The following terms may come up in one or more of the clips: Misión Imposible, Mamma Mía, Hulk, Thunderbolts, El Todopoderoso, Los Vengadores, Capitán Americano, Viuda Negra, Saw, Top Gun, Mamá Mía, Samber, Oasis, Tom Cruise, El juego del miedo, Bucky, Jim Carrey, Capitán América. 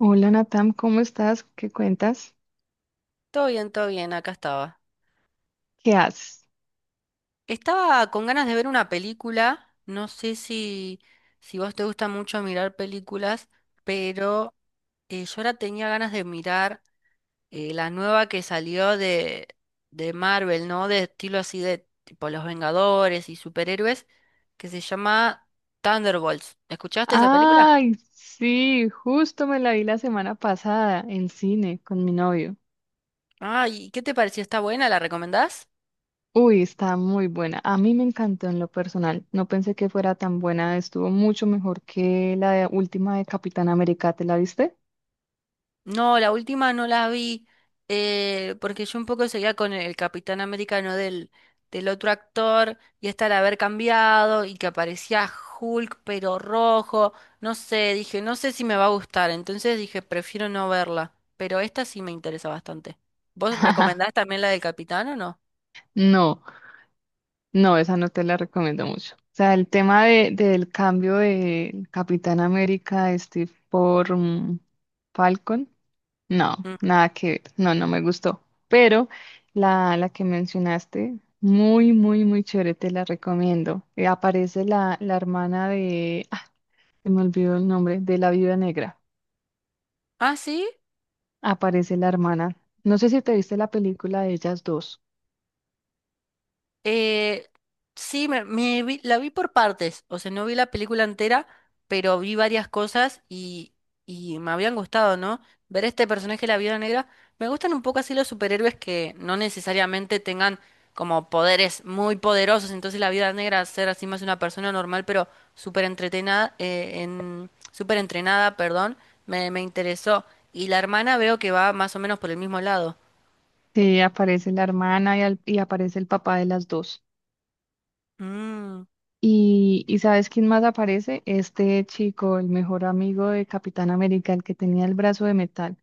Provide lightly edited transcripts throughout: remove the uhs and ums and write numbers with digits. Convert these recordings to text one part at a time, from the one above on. Hola Natam, ¿cómo estás? ¿Qué cuentas? Todo bien, acá estaba. ¿Qué haces? Estaba con ganas de ver una película. No sé si vos te gusta mucho mirar películas, pero yo ahora tenía ganas de mirar la nueva que salió de Marvel, ¿no? De estilo así de tipo Los Vengadores y superhéroes, que se llama Thunderbolts. ¿Escuchaste esa película? Ay, sí, justo me la vi la semana pasada en cine con mi novio. Ay, ¿qué te pareció? ¿Está buena? ¿La recomendás? Uy, está muy buena. A mí me encantó en lo personal. No pensé que fuera tan buena. Estuvo mucho mejor que última de Capitán América. ¿Te la viste? No, la última no la vi porque yo un poco seguía con el Capitán Americano del otro actor y hasta al haber cambiado y que aparecía Hulk pero rojo, no sé, dije, no sé si me va a gustar, entonces dije, prefiero no verla, pero esta sí me interesa bastante. ¿Vos recomendás también la del Capitán o no? No. No, esa no te la recomiendo mucho. O sea, el tema del cambio de Capitán América de Steve por Falcon, no, Mm. nada que ver. No, no me gustó. Pero la que mencionaste, muy, muy, muy chévere, te la recomiendo. Aparece la hermana de, se me olvidó el nombre, de la Viuda Negra. ¿Ah, sí? Aparece la hermana. No sé si te viste la película de ellas dos. Eh, sí, la vi por partes, o sea, no vi la película entera, pero vi varias cosas y me habían gustado, ¿no? Ver este personaje, la Viuda Negra, me gustan un poco así los superhéroes que no necesariamente tengan como poderes muy poderosos, entonces la Viuda Negra ser así más una persona normal, pero súper entretenada, súper entrenada, perdón, me interesó. Y la hermana veo que va más o menos por el mismo lado. Sí, aparece la hermana y aparece el papá de las dos. Mm. Y, y, ¿sabes quién más aparece? Este chico, el mejor amigo de Capitán América, el que tenía el brazo de metal.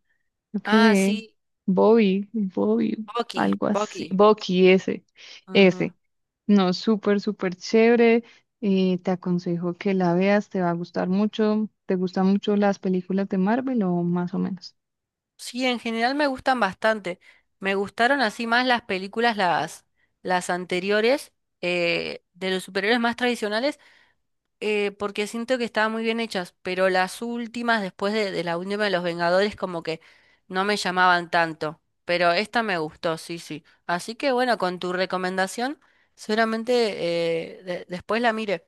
Creo Ah, que sí, Bobby, Bobby, Bucky, algo así. Bucky. Bucky, Ujú. ese. No, súper, súper chévere. Te aconsejo que la veas, te va a gustar mucho. ¿Te gustan mucho las películas de Marvel o más o menos? Sí, en general me gustan bastante. Me gustaron así más las películas, las anteriores, de los superhéroes más tradicionales, porque siento que estaban muy bien hechas, pero las últimas, después de la última de los Vengadores, como que no me llamaban tanto. Pero esta me gustó, sí, sí. Así que bueno, con tu recomendación, seguramente después la mire.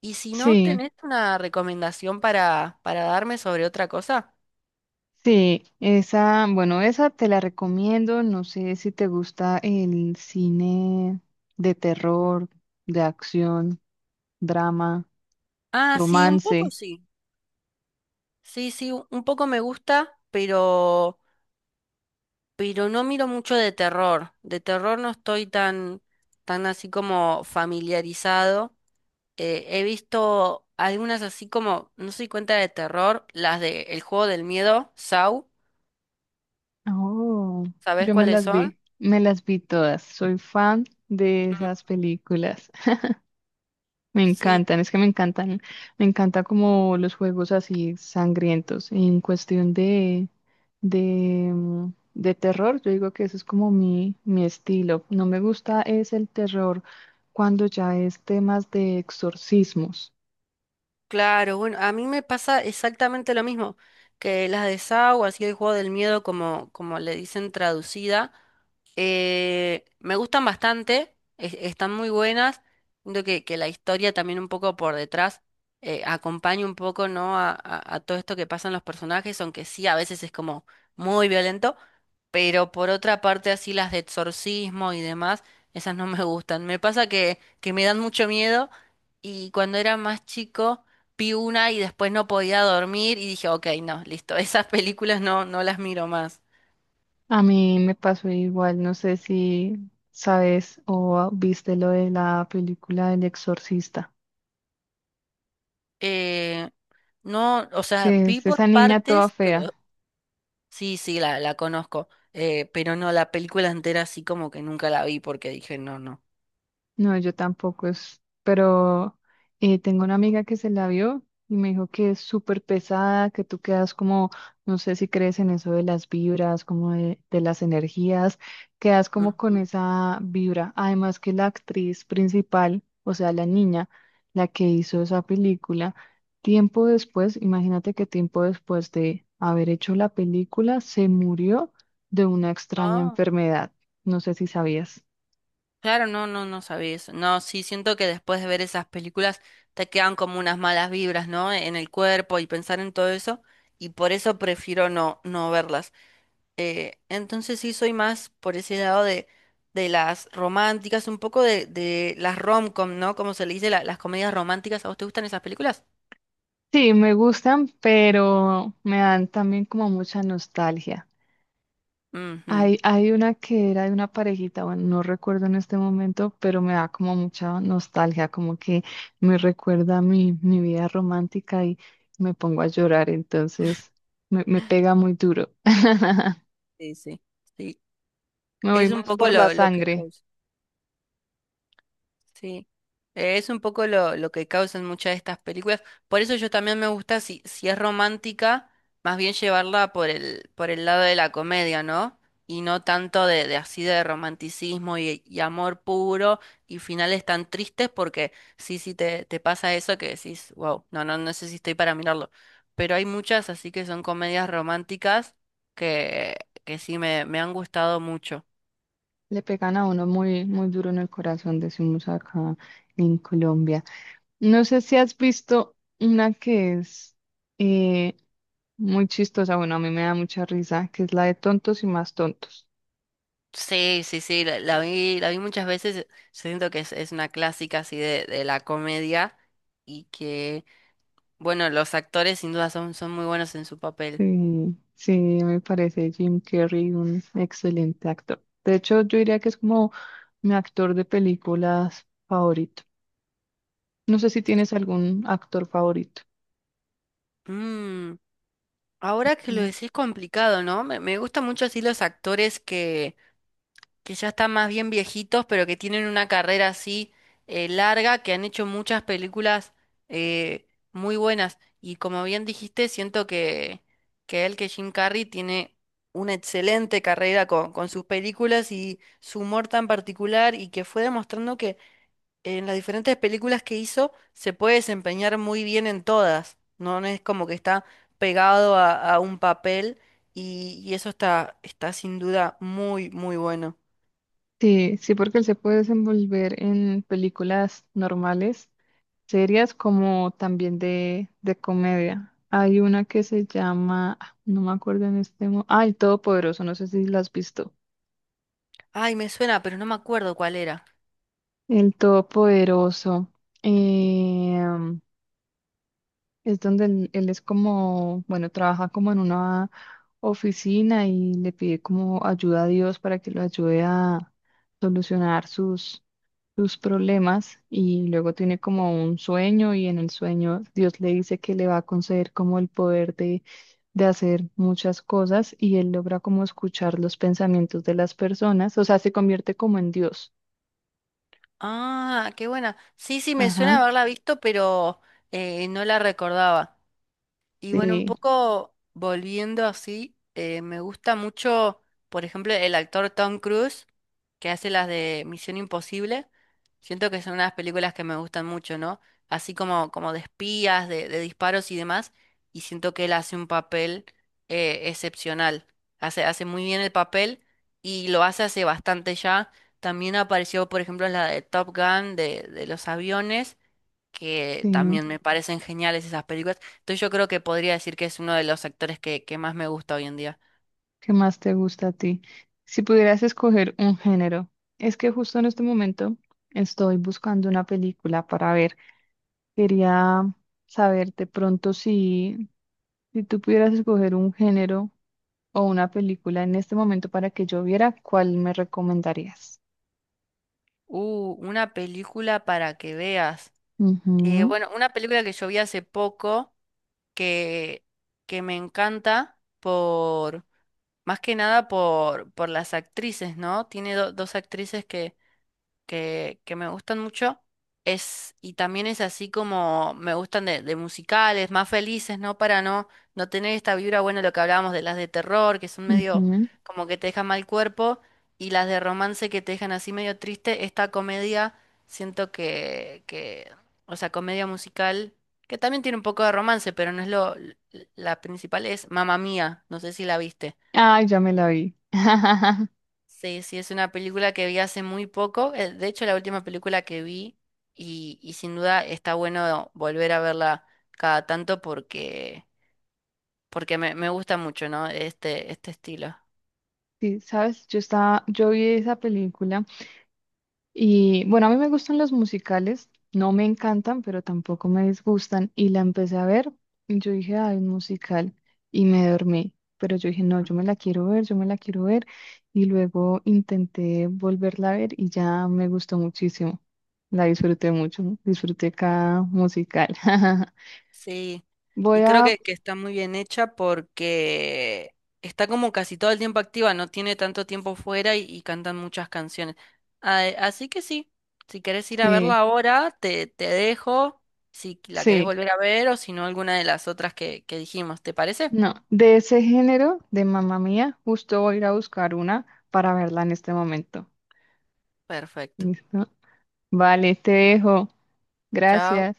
Y si no, Sí. ¿tenés una recomendación para darme sobre otra cosa? Sí, esa, bueno, esa te la recomiendo. No sé si te gusta el cine de terror, de acción, drama, Ah, sí, un poco romance. sí. Sí, sí, un poco me gusta, pero no miro mucho de terror. De terror no estoy tan así como familiarizado. He visto algunas así como, no soy cuenta de terror, las de El juego del miedo, Saw, Oh, ¿sabes yo cuáles son? Me las vi todas. Soy fan de Mm. esas películas. Me Sí, encantan, es que me encantan, me encanta como los juegos así sangrientos. En cuestión de terror, yo digo que eso es como mi estilo. No me gusta es el terror cuando ya es temas de exorcismos. claro, bueno, a mí me pasa exactamente lo mismo, que las de Saw, así el juego del miedo como, como le dicen traducida. Me gustan bastante, están muy buenas. Siento que la historia también un poco por detrás acompaña un poco, ¿no? A todo esto que pasan los personajes, aunque sí a veces es como muy violento, pero por otra parte así las de exorcismo y demás, esas no me gustan. Me pasa que me dan mucho miedo y cuando era más chico vi una y después no podía dormir y dije, ok, no, listo, esas películas no, no las miro más. A mí me pasó igual, no sé si sabes o viste lo de la película del exorcista, Eh, no, o sea, que vi es por esa niña toda partes, fea. pero sí, sí, la conozco. Pero no, la película entera sí como que nunca la vi porque dije, no, no. No, yo tampoco es, pero tengo una amiga que se la vio y me dijo que es súper pesada, que tú quedas como, no sé si crees en eso de las vibras, como de las energías, quedas como con Ujú. esa vibra. Además que la actriz principal, o sea, la niña, la que hizo esa película, imagínate que tiempo después de haber hecho la película, se murió de una extraña Ah, enfermedad. No sé si sabías. claro, no, no, no sabía eso. No, sí, siento que después de ver esas películas te quedan como unas malas vibras, ¿no? En el cuerpo y pensar en todo eso. Y por eso prefiero no, no verlas. Entonces sí soy más por ese lado de las románticas, un poco de las rom-com, ¿no? Como se le dice, las comedias románticas. ¿A vos te gustan esas películas? Sí, me gustan, pero me dan también como mucha nostalgia. Ujú. Hay una que era de una parejita, bueno, no recuerdo en este momento, pero me da como mucha nostalgia, como que me recuerda a mi, mi vida romántica y me pongo a llorar, entonces me pega muy duro. Sí, sí. Sí, Me voy es un más poco por la lo que sangre. causa. Sí, eh, es un poco lo que causan muchas de estas películas. Por eso yo también me gusta, si, si es romántica, más bien llevarla por el lado de la comedia, ¿no? Y no tanto de así de romanticismo y amor puro y finales tan tristes, porque sí, sí te pasa eso que decís, wow, no, no, no sé si estoy para mirarlo. Pero hay muchas así que son comedias románticas que, que sí me han gustado mucho. Le pegan a uno muy, muy duro en el corazón, decimos acá en Colombia. No sé si has visto una que es eh, muy chistosa, bueno, a mí me da mucha risa, que es la de tontos y más tontos. Sí, sí, sí, la vi muchas veces. Siento que es una clásica así de la comedia y que, bueno, los actores sin duda son, son muy buenos en su papel. Sí, sí, me parece Jim Carrey un excelente actor. De hecho, yo diría que es como mi actor de películas favorito. No sé si tienes algún actor favorito. Mm, ahora que lo Entonces, decís complicado, ¿no? Me gustan mucho así los actores que ya están más bien viejitos, pero que tienen una carrera así larga, que han hecho muchas películas muy buenas. Y como bien dijiste, siento que Jim Carrey tiene una excelente carrera con sus películas y su humor tan particular y que fue demostrando que en las diferentes películas que hizo se puede desempeñar muy bien en todas. No, no es como que está pegado a un papel y eso está, está sin duda muy, muy bueno. Sí, sí, porque él se puede desenvolver en películas normales, series como también de comedia. Hay una que se llama, ah, no me acuerdo en este momento, ah, El Todopoderoso, no sé si la has visto. Ay, me suena, pero no me acuerdo cuál era. El Todopoderoso, em, es donde él es como, bueno, trabaja como en una oficina y le pide como ayuda a Dios para que lo ayude a solucionar sus problemas y luego tiene como un sueño y en el sueño Dios le dice que le va a conceder como el poder de hacer muchas cosas y él logra como escuchar los pensamientos de las personas, o sea, se convierte como en Dios. Ah, qué buena. Sí, sí, me Ajá, suena haberla visto, pero no la recordaba. Y bueno, un sí, poco volviendo así, me gusta mucho, por ejemplo, el actor Tom Cruise, que hace las de Misión Imposible. Siento que son unas películas que me gustan mucho, ¿no? Así como, como de espías, de disparos y demás. Y siento que él hace un papel excepcional. Hace muy bien el papel y lo hace hace bastante ya. También apareció, por ejemplo, en la de Top Gun, de los aviones que sí. también me parecen geniales esas películas. Entonces yo creo que podría decir que es uno de los actores que más me gusta hoy en día. ¿Qué más te gusta a ti? Si pudieras escoger un género, es que justo en este momento estoy buscando una película para ver. Quería saber de pronto si tú pudieras escoger un género, o una película en este momento para que yo viera, ¿cuál me recomendarías? Una película para que veas. Ujú, Bueno, una película que yo vi hace poco que, que me encanta por, más que nada por, por las actrices, ¿no? Tiene dos actrices que me gustan mucho. Es, y también es así como me gustan de musicales, más felices, ¿no? Para no, no tener esta vibra, bueno, lo que hablábamos de las de terror, que son medio ujú. como que te dejan mal cuerpo, y las de romance que te dejan así medio triste. Esta comedia, siento o sea, comedia musical, que también tiene un poco de romance, pero no es la principal es Mamma Mía, no sé si la viste. Ay, ya me la vi. Sí, sí, es una película que vi hace muy poco. Eh, de hecho, la última película que vi y sin duda está bueno volver a verla cada tanto porque, porque me gusta mucho, ¿no? Este estilo. Sí, sabes, yo vi esa película. Y bueno, a mí me gustan los musicales, no me encantan, pero tampoco me disgustan. Y la empecé a ver y yo dije, ay, un musical. Y me dormí. Pero yo dije, no, yo me la quiero ver, yo me la quiero ver. Y luego intenté volverla a ver y ya me gustó muchísimo. La disfruté mucho, ¿no? Disfruté cada musical. Sí, Voy y creo a, que está muy bien hecha porque está como casi todo el tiempo activa, no tiene tanto tiempo fuera y cantan muchas canciones. Ah, así que sí, si querés ir a verla sí, ahora, te dejo, si la querés sí, volver a ver o si no alguna de las otras que dijimos, ¿te parece? no, de ese género, de Mamá Mía, justo voy a ir a buscar una para verla en este momento. Perfecto. ¿Listo? Vale, te dejo. Chao. Gracias.